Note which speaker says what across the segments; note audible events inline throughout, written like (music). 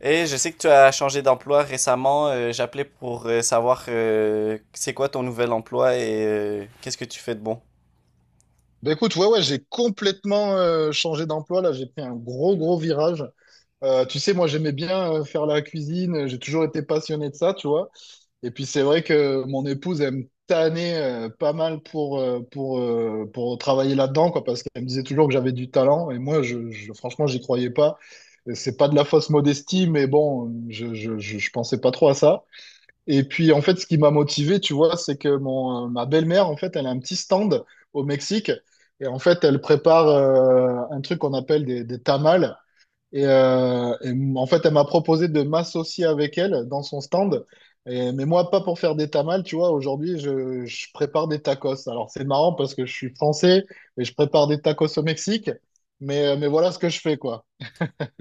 Speaker 1: Et je sais que tu as changé d'emploi récemment. J'appelais pour savoir c'est quoi ton nouvel emploi et qu'est-ce que tu fais de bon.
Speaker 2: Bah écoute, ouais, ouais, j'ai complètement changé d'emploi. Là, j'ai pris un gros, gros virage. Tu sais, moi, j'aimais bien faire la cuisine. J'ai toujours été passionné de ça, tu vois. Et puis, c'est vrai que mon épouse, elle me tannait pas mal pour travailler là-dedans, quoi, parce qu'elle me disait toujours que j'avais du talent. Et moi, je, franchement, j'y croyais pas. Et c'est pas de la fausse modestie, mais bon, je pensais pas trop à ça. Et puis, en fait, ce qui m'a motivé, tu vois, c'est que ma belle-mère, en fait, elle a un petit stand au Mexique. Et en fait, elle prépare un truc qu'on appelle des tamales. Et en fait, elle m'a proposé de m'associer avec elle dans son stand. Mais moi, pas pour faire des tamales, tu vois. Aujourd'hui, je prépare des tacos. Alors, c'est marrant parce que je suis français et je prépare des tacos au Mexique. Mais voilà ce que je fais, quoi.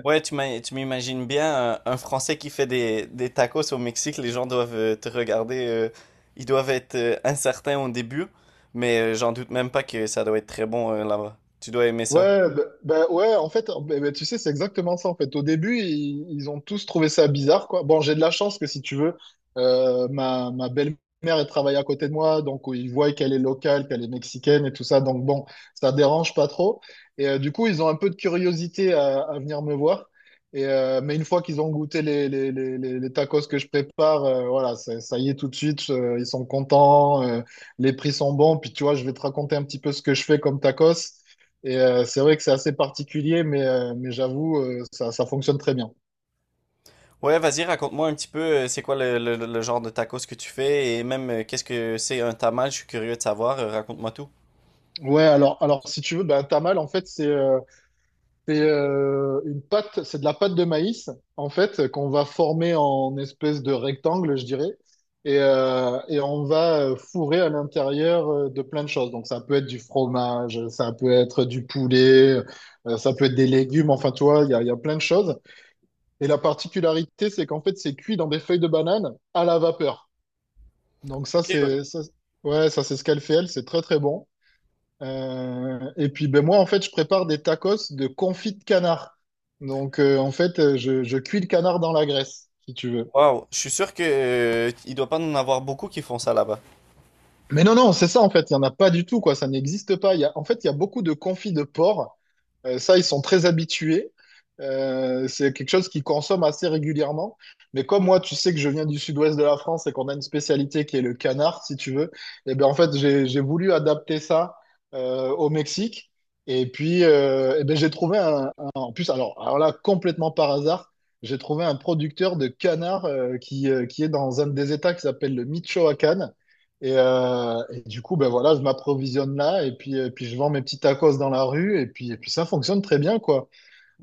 Speaker 1: Ouais, tu m'imagines bien un Français qui fait des tacos au Mexique. Les gens doivent te regarder. Ils doivent être incertains au début, mais j'en doute même pas que ça doit être très bon là-bas. Tu dois aimer ça.
Speaker 2: Ouais, bah, bah ouais, en fait, bah, bah, tu sais, c'est exactement ça, en fait. Au début, ils ont tous trouvé ça bizarre, quoi. Bon, j'ai de la chance que, si tu veux, ma belle-mère, elle travaille à côté de moi, donc ils voient qu'elle est locale, qu'elle est mexicaine et tout ça, donc bon, ça dérange pas trop. Et du coup, ils ont un peu de curiosité à venir me voir. Mais une fois qu'ils ont goûté les tacos que je prépare, voilà, ça y est tout de suite, ils sont contents, les prix sont bons. Puis tu vois, je vais te raconter un petit peu ce que je fais comme tacos. Et c'est vrai que c'est assez particulier, mais j'avoue, ça fonctionne très bien.
Speaker 1: Ouais, vas-y, raconte-moi un petit peu c'est quoi le genre de tacos que tu fais et même qu'est-ce que c'est un tamal. Je suis curieux de savoir. Raconte-moi tout.
Speaker 2: Ouais, alors si tu veux, ben, tamal, en fait, c'est une pâte, c'est de la pâte de maïs, en fait, qu'on va former en espèce de rectangle, je dirais. Et on va fourrer à l'intérieur de plein de choses. Donc, ça peut être du fromage, ça peut être du poulet, ça peut être des légumes. Enfin, tu vois, il y a plein de choses. Et la particularité, c'est qu'en fait, c'est cuit dans des feuilles de banane à la vapeur. Donc ça, c'est ça, ouais, ça c'est ce qu'elle fait elle, c'est très très bon. Et puis ben moi en fait, je prépare des tacos de confit de canard. Donc en fait, je cuis le canard dans la graisse, si tu veux.
Speaker 1: Waouh, je suis sûr que il doit pas en avoir beaucoup qui font ça là-bas.
Speaker 2: Mais non non, c'est ça en fait, il y en a pas du tout quoi, ça n'existe pas. En fait, il y a beaucoup de confit de porc. Ça, ils sont très habitués. C'est quelque chose qu'ils consomment assez régulièrement. Mais comme moi, tu sais que je viens du sud-ouest de la France et qu'on a une spécialité qui est le canard, si tu veux, et bien en fait, j'ai voulu adapter ça au Mexique. Et puis, eh ben, j'ai trouvé un- en plus, alors là, complètement par hasard, j'ai trouvé un producteur de canard qui est dans un des États qui s'appelle le Michoacán. Et du coup, ben voilà, je m'approvisionne là et puis je vends mes petits tacos dans la rue et puis ça fonctionne très bien, quoi.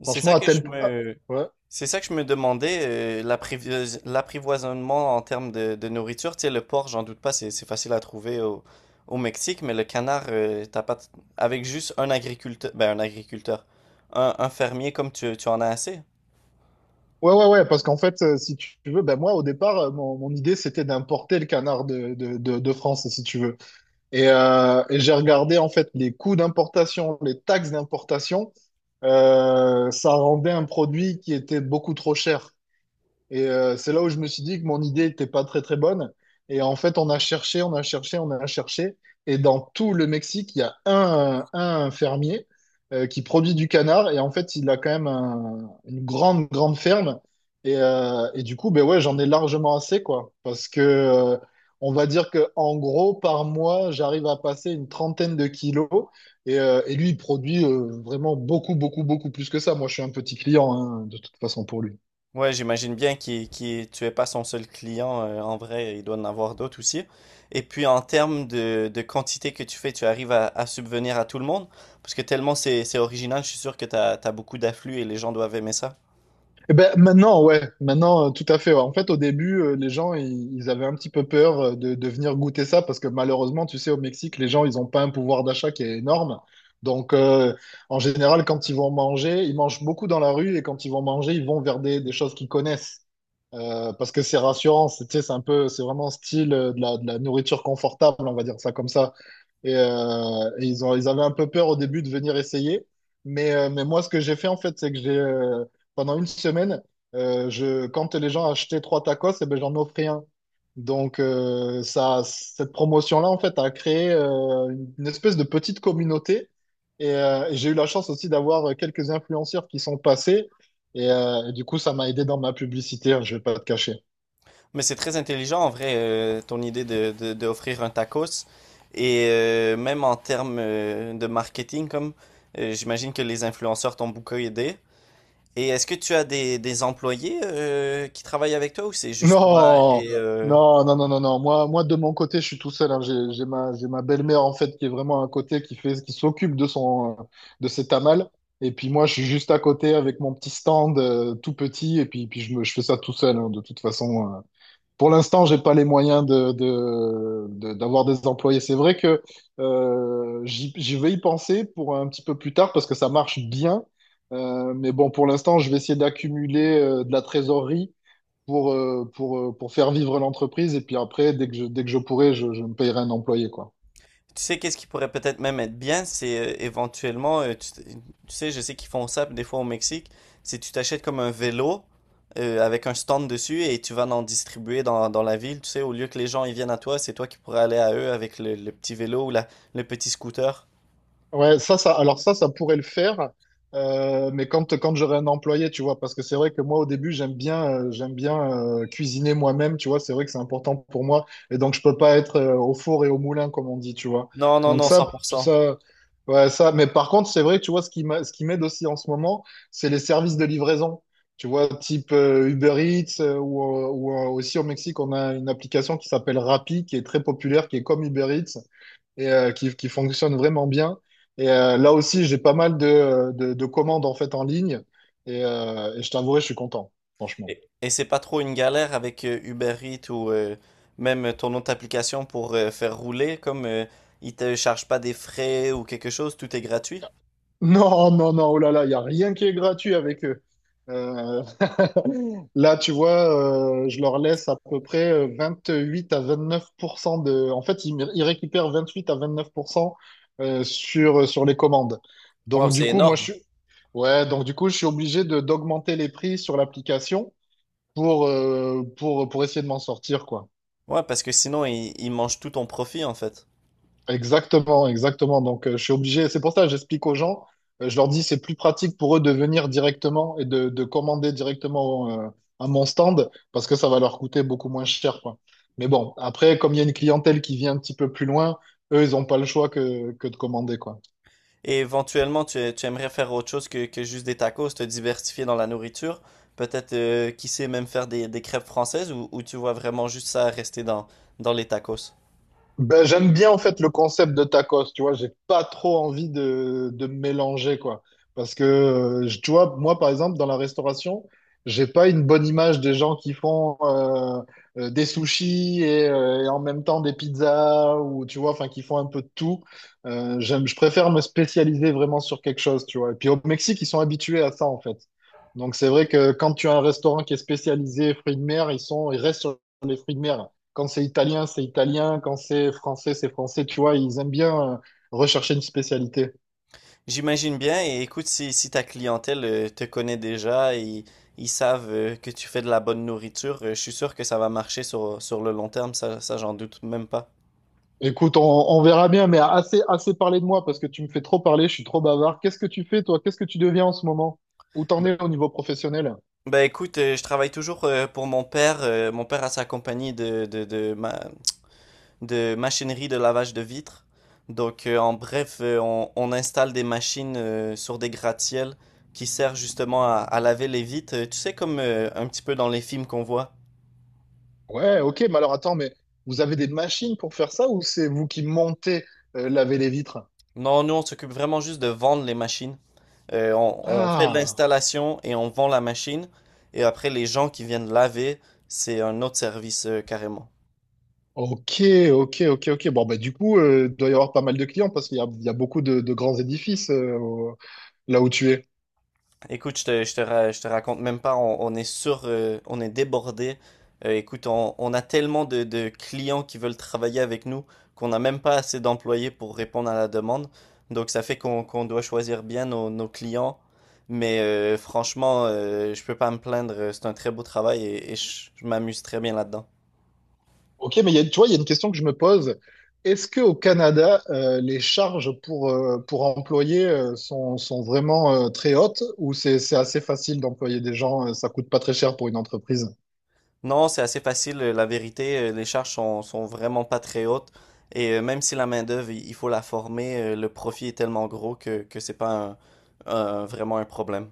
Speaker 1: C'est
Speaker 2: Franchement,
Speaker 1: ça
Speaker 2: à
Speaker 1: que
Speaker 2: tel
Speaker 1: je
Speaker 2: point. Ah,
Speaker 1: me,
Speaker 2: ouais.
Speaker 1: c'est ça que je me demandais, l'l'apprivoisonnement en termes de nourriture. Tu sais, le porc, j'en doute pas, c'est facile à trouver au Mexique, mais le canard, t'as pas, t- avec juste un agriculteur, ben un agriculteur, un fermier comme tu en as assez.
Speaker 2: Ouais, ouais, ouais, parce qu'en fait, si tu veux, ben moi, au départ, mon idée, c'était d'importer le canard de France, si tu veux. Et j'ai regardé, en fait, les coûts d'importation, les taxes d'importation. Ça rendait un produit qui était beaucoup trop cher. Et c'est là où je me suis dit que mon idée n'était pas très très bonne. Et en fait, on a cherché, on a cherché, on a cherché. Et dans tout le Mexique, il y a un fermier qui produit du canard. Et en fait, il a quand même une grande, grande ferme. Et du coup, ben ouais, j'en ai largement assez, quoi. Parce que on va dire que en gros, par mois, j'arrive à passer une trentaine de kilos. Et lui, il produit vraiment beaucoup, beaucoup, beaucoup plus que ça. Moi, je suis un petit client, hein, de toute façon, pour lui.
Speaker 1: Ouais, j'imagine bien tu es pas son seul client. En vrai, il doit en avoir d'autres aussi. Et puis, en termes de quantité que tu fais, tu arrives à subvenir à tout le monde? Parce que tellement c'est original, je suis sûr que tu as, beaucoup d'afflux et les gens doivent aimer ça.
Speaker 2: Eh ben, maintenant, ouais, maintenant, tout à fait. Ouais. En fait, au début, les gens, ils avaient un petit peu peur de venir goûter ça parce que malheureusement, tu sais, au Mexique, les gens, ils n'ont pas un pouvoir d'achat qui est énorme. Donc, en général, quand ils vont manger, ils mangent beaucoup dans la rue et quand ils vont manger, ils vont vers des choses qu'ils connaissent. Parce que c'est rassurant, c'est tu sais, c'est un peu, c'est vraiment style de la nourriture confortable, on va dire ça comme ça. Et ils avaient un peu peur au début de venir essayer. Mais moi, ce que j'ai fait, en fait, c'est que j'ai pendant une semaine, quand les gens achetaient trois tacos, eh ben, j'en offrais un. Donc, cette promotion-là, en fait, a créé une espèce de petite communauté. Et j'ai eu la chance aussi d'avoir quelques influenceurs qui sont passés. Et du coup, ça m'a aidé dans ma publicité, hein, je vais pas te cacher.
Speaker 1: Mais c'est très intelligent, en vrai, ton idée d'offrir un tacos. Et même en termes de marketing, comme j'imagine que les influenceurs t'ont beaucoup aidé. Et est-ce que tu as des employés qui travaillent avec toi ou c'est juste toi et...
Speaker 2: Non, non, non, non, non, non. Moi, de mon côté, je suis tout seul, hein. J'ai ma belle-mère en fait qui est vraiment à côté, qui s'occupe de ses tamales. Et puis moi, je suis juste à côté avec mon petit stand tout petit. Et puis je fais ça tout seul, hein. De toute façon, pour l'instant, j'ai pas les moyens d'avoir des employés. C'est vrai que j'y vais y penser pour un petit peu plus tard parce que ça marche bien. Mais bon, pour l'instant, je vais essayer d'accumuler de la trésorerie pour faire vivre l'entreprise. Et puis après, dès que je pourrai, je me payerai un employé, quoi.
Speaker 1: Tu sais, qu'est-ce qui pourrait peut-être même être bien, c'est éventuellement, tu sais, je sais qu'ils font ça des fois au Mexique, c'est tu t'achètes comme un vélo avec un stand dessus et tu vas en distribuer dans la ville, tu sais, au lieu que les gens ils viennent à toi, c'est toi qui pourrais aller à eux avec le petit vélo ou le petit scooter.
Speaker 2: Ouais, alors ça pourrait le faire, mais quand j'aurai un employé, tu vois, parce que c'est vrai que moi, au début, j'aime bien cuisiner moi-même, tu vois, c'est vrai que c'est important pour moi, et donc je peux pas être au four et au moulin, comme on dit, tu vois.
Speaker 1: Non, non,
Speaker 2: Donc
Speaker 1: non,
Speaker 2: ça,
Speaker 1: 100%.
Speaker 2: ça, ouais, mais par contre, c'est vrai que, tu vois, ce qui m'aide aussi en ce moment, c'est les services de livraison, tu vois, type Uber Eats, ou aussi au Mexique, on a une application qui s'appelle Rappi, qui est très populaire, qui est comme Uber Eats et qui fonctionne vraiment bien. Et là aussi, j'ai pas mal de commandes en fait en ligne. Et je t'avouerai, je suis content, franchement. (laughs)
Speaker 1: Et c'est pas trop une galère avec Uber Eats ou même ton autre application pour faire rouler, comme ils te chargent pas des frais ou quelque chose, tout est gratuit.
Speaker 2: Non, non, non, oh là là, il n'y a rien qui est gratuit avec eux. Euh, Là, tu vois, je leur laisse à peu près 28 à 29% de... En fait, ils récupèrent 28 à 29% sur les commandes.
Speaker 1: Waouh,
Speaker 2: Donc, du
Speaker 1: c'est
Speaker 2: coup, moi, je
Speaker 1: énorme.
Speaker 2: suis... Ouais, donc du coup, je suis obligé de d'augmenter les prix sur l'application. Pour essayer de m'en sortir, quoi.
Speaker 1: Ouais, parce que sinon, ils il mangent tout ton profit, en fait.
Speaker 2: Exactement, exactement. Donc, je suis obligé. C'est pour ça que j'explique aux gens. Je leur dis, c'est plus pratique pour eux de venir directement et de commander directement à mon stand parce que ça va leur coûter beaucoup moins cher, quoi. Mais bon, après, comme il y a une clientèle qui vient un petit peu plus loin, eux, ils n'ont pas le choix que de commander, quoi.
Speaker 1: Et éventuellement, tu aimerais faire autre chose que juste des tacos, te diversifier dans la nourriture. Peut-être, qui sait, même faire des crêpes françaises ou tu vois vraiment juste ça rester dans les tacos.
Speaker 2: Ben, j'aime bien en fait le concept de tacos, tu vois, j'ai pas trop envie de me mélanger quoi. Parce que tu vois, moi par exemple dans la restauration, j'ai pas une bonne image des gens qui font des sushis et en même temps des pizzas ou tu vois, enfin qui font un peu de tout. Je préfère me spécialiser vraiment sur quelque chose, tu vois. Et puis au Mexique, ils sont habitués à ça en fait. Donc c'est vrai que quand tu as un restaurant qui est spécialisé fruits de mer, ils restent sur les fruits de mer. Quand c'est italien, c'est italien. Quand c'est français, c'est français. Tu vois, ils aiment bien rechercher une spécialité.
Speaker 1: J'imagine bien, et écoute, si ta clientèle te connaît déjà et ils savent que tu fais de la bonne nourriture, je suis sûr que ça va marcher sur le long terme, ça j'en doute même pas.
Speaker 2: Écoute, on verra bien, mais assez, assez parlé de moi parce que tu me fais trop parler, je suis trop bavard. Qu'est-ce que tu fais, toi? Qu'est-ce que tu deviens en ce moment? Où t'en
Speaker 1: Ben,
Speaker 2: es au niveau professionnel?
Speaker 1: bah, écoute, je travaille toujours pour mon père. Mon père a sa compagnie de machinerie de lavage de vitres. Donc, en bref, on installe des machines sur des gratte-ciels qui servent justement à laver les vitres. Tu sais, comme un petit peu dans les films qu'on voit.
Speaker 2: Ouais, ok, mais alors attends, mais vous avez des machines pour faire ça ou c'est vous qui montez laver les vitres?
Speaker 1: Non, nous, on s'occupe vraiment juste de vendre les machines. On fait
Speaker 2: Ah!
Speaker 1: l'installation et on vend la machine. Et après, les gens qui viennent laver, c'est un autre service carrément.
Speaker 2: Ok, ok, ok, ok. Bon, bah, du coup, il doit y avoir pas mal de clients parce qu'il y a beaucoup de grands édifices là où tu es.
Speaker 1: Écoute, je te raconte même pas, on est sur, on est débordé. Écoute, on a tellement de clients qui veulent travailler avec nous qu'on n'a même pas assez d'employés pour répondre à la demande. Donc ça fait qu'on doit choisir bien nos clients. Mais franchement, je peux pas me plaindre, c'est un très beau travail et, je m'amuse très bien là-dedans.
Speaker 2: Ok, mais tu vois, il y a une question que je me pose. Est-ce que au Canada, les charges pour employer sont vraiment très hautes ou c'est assez facile d'employer des gens, ça coûte pas très cher pour une entreprise?
Speaker 1: Non, c'est assez facile. La vérité, les charges sont vraiment pas très hautes. Et même si la main-d'œuvre, il faut la former, le profit est tellement gros que c'est pas vraiment un problème.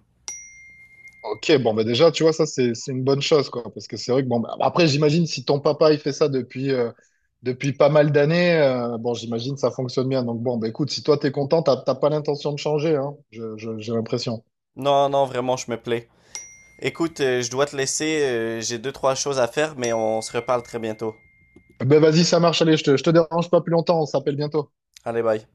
Speaker 2: Ok, bon, bah déjà, tu vois, ça, c'est une bonne chose, quoi. Parce que c'est vrai que, bon, bah, après, j'imagine, si ton papa, il fait ça depuis pas mal d'années, bon, j'imagine, ça fonctionne bien. Donc, bon, bah écoute, si toi, t'es content, t'as pas l'intention de changer, hein, j'ai l'impression.
Speaker 1: Non, non, vraiment, je me plais. Écoute, je dois te laisser. J'ai deux, trois choses à faire, mais on se reparle très bientôt.
Speaker 2: Ben, vas-y, ça marche, allez, je te dérange pas plus longtemps, on s'appelle bientôt.
Speaker 1: Allez, bye.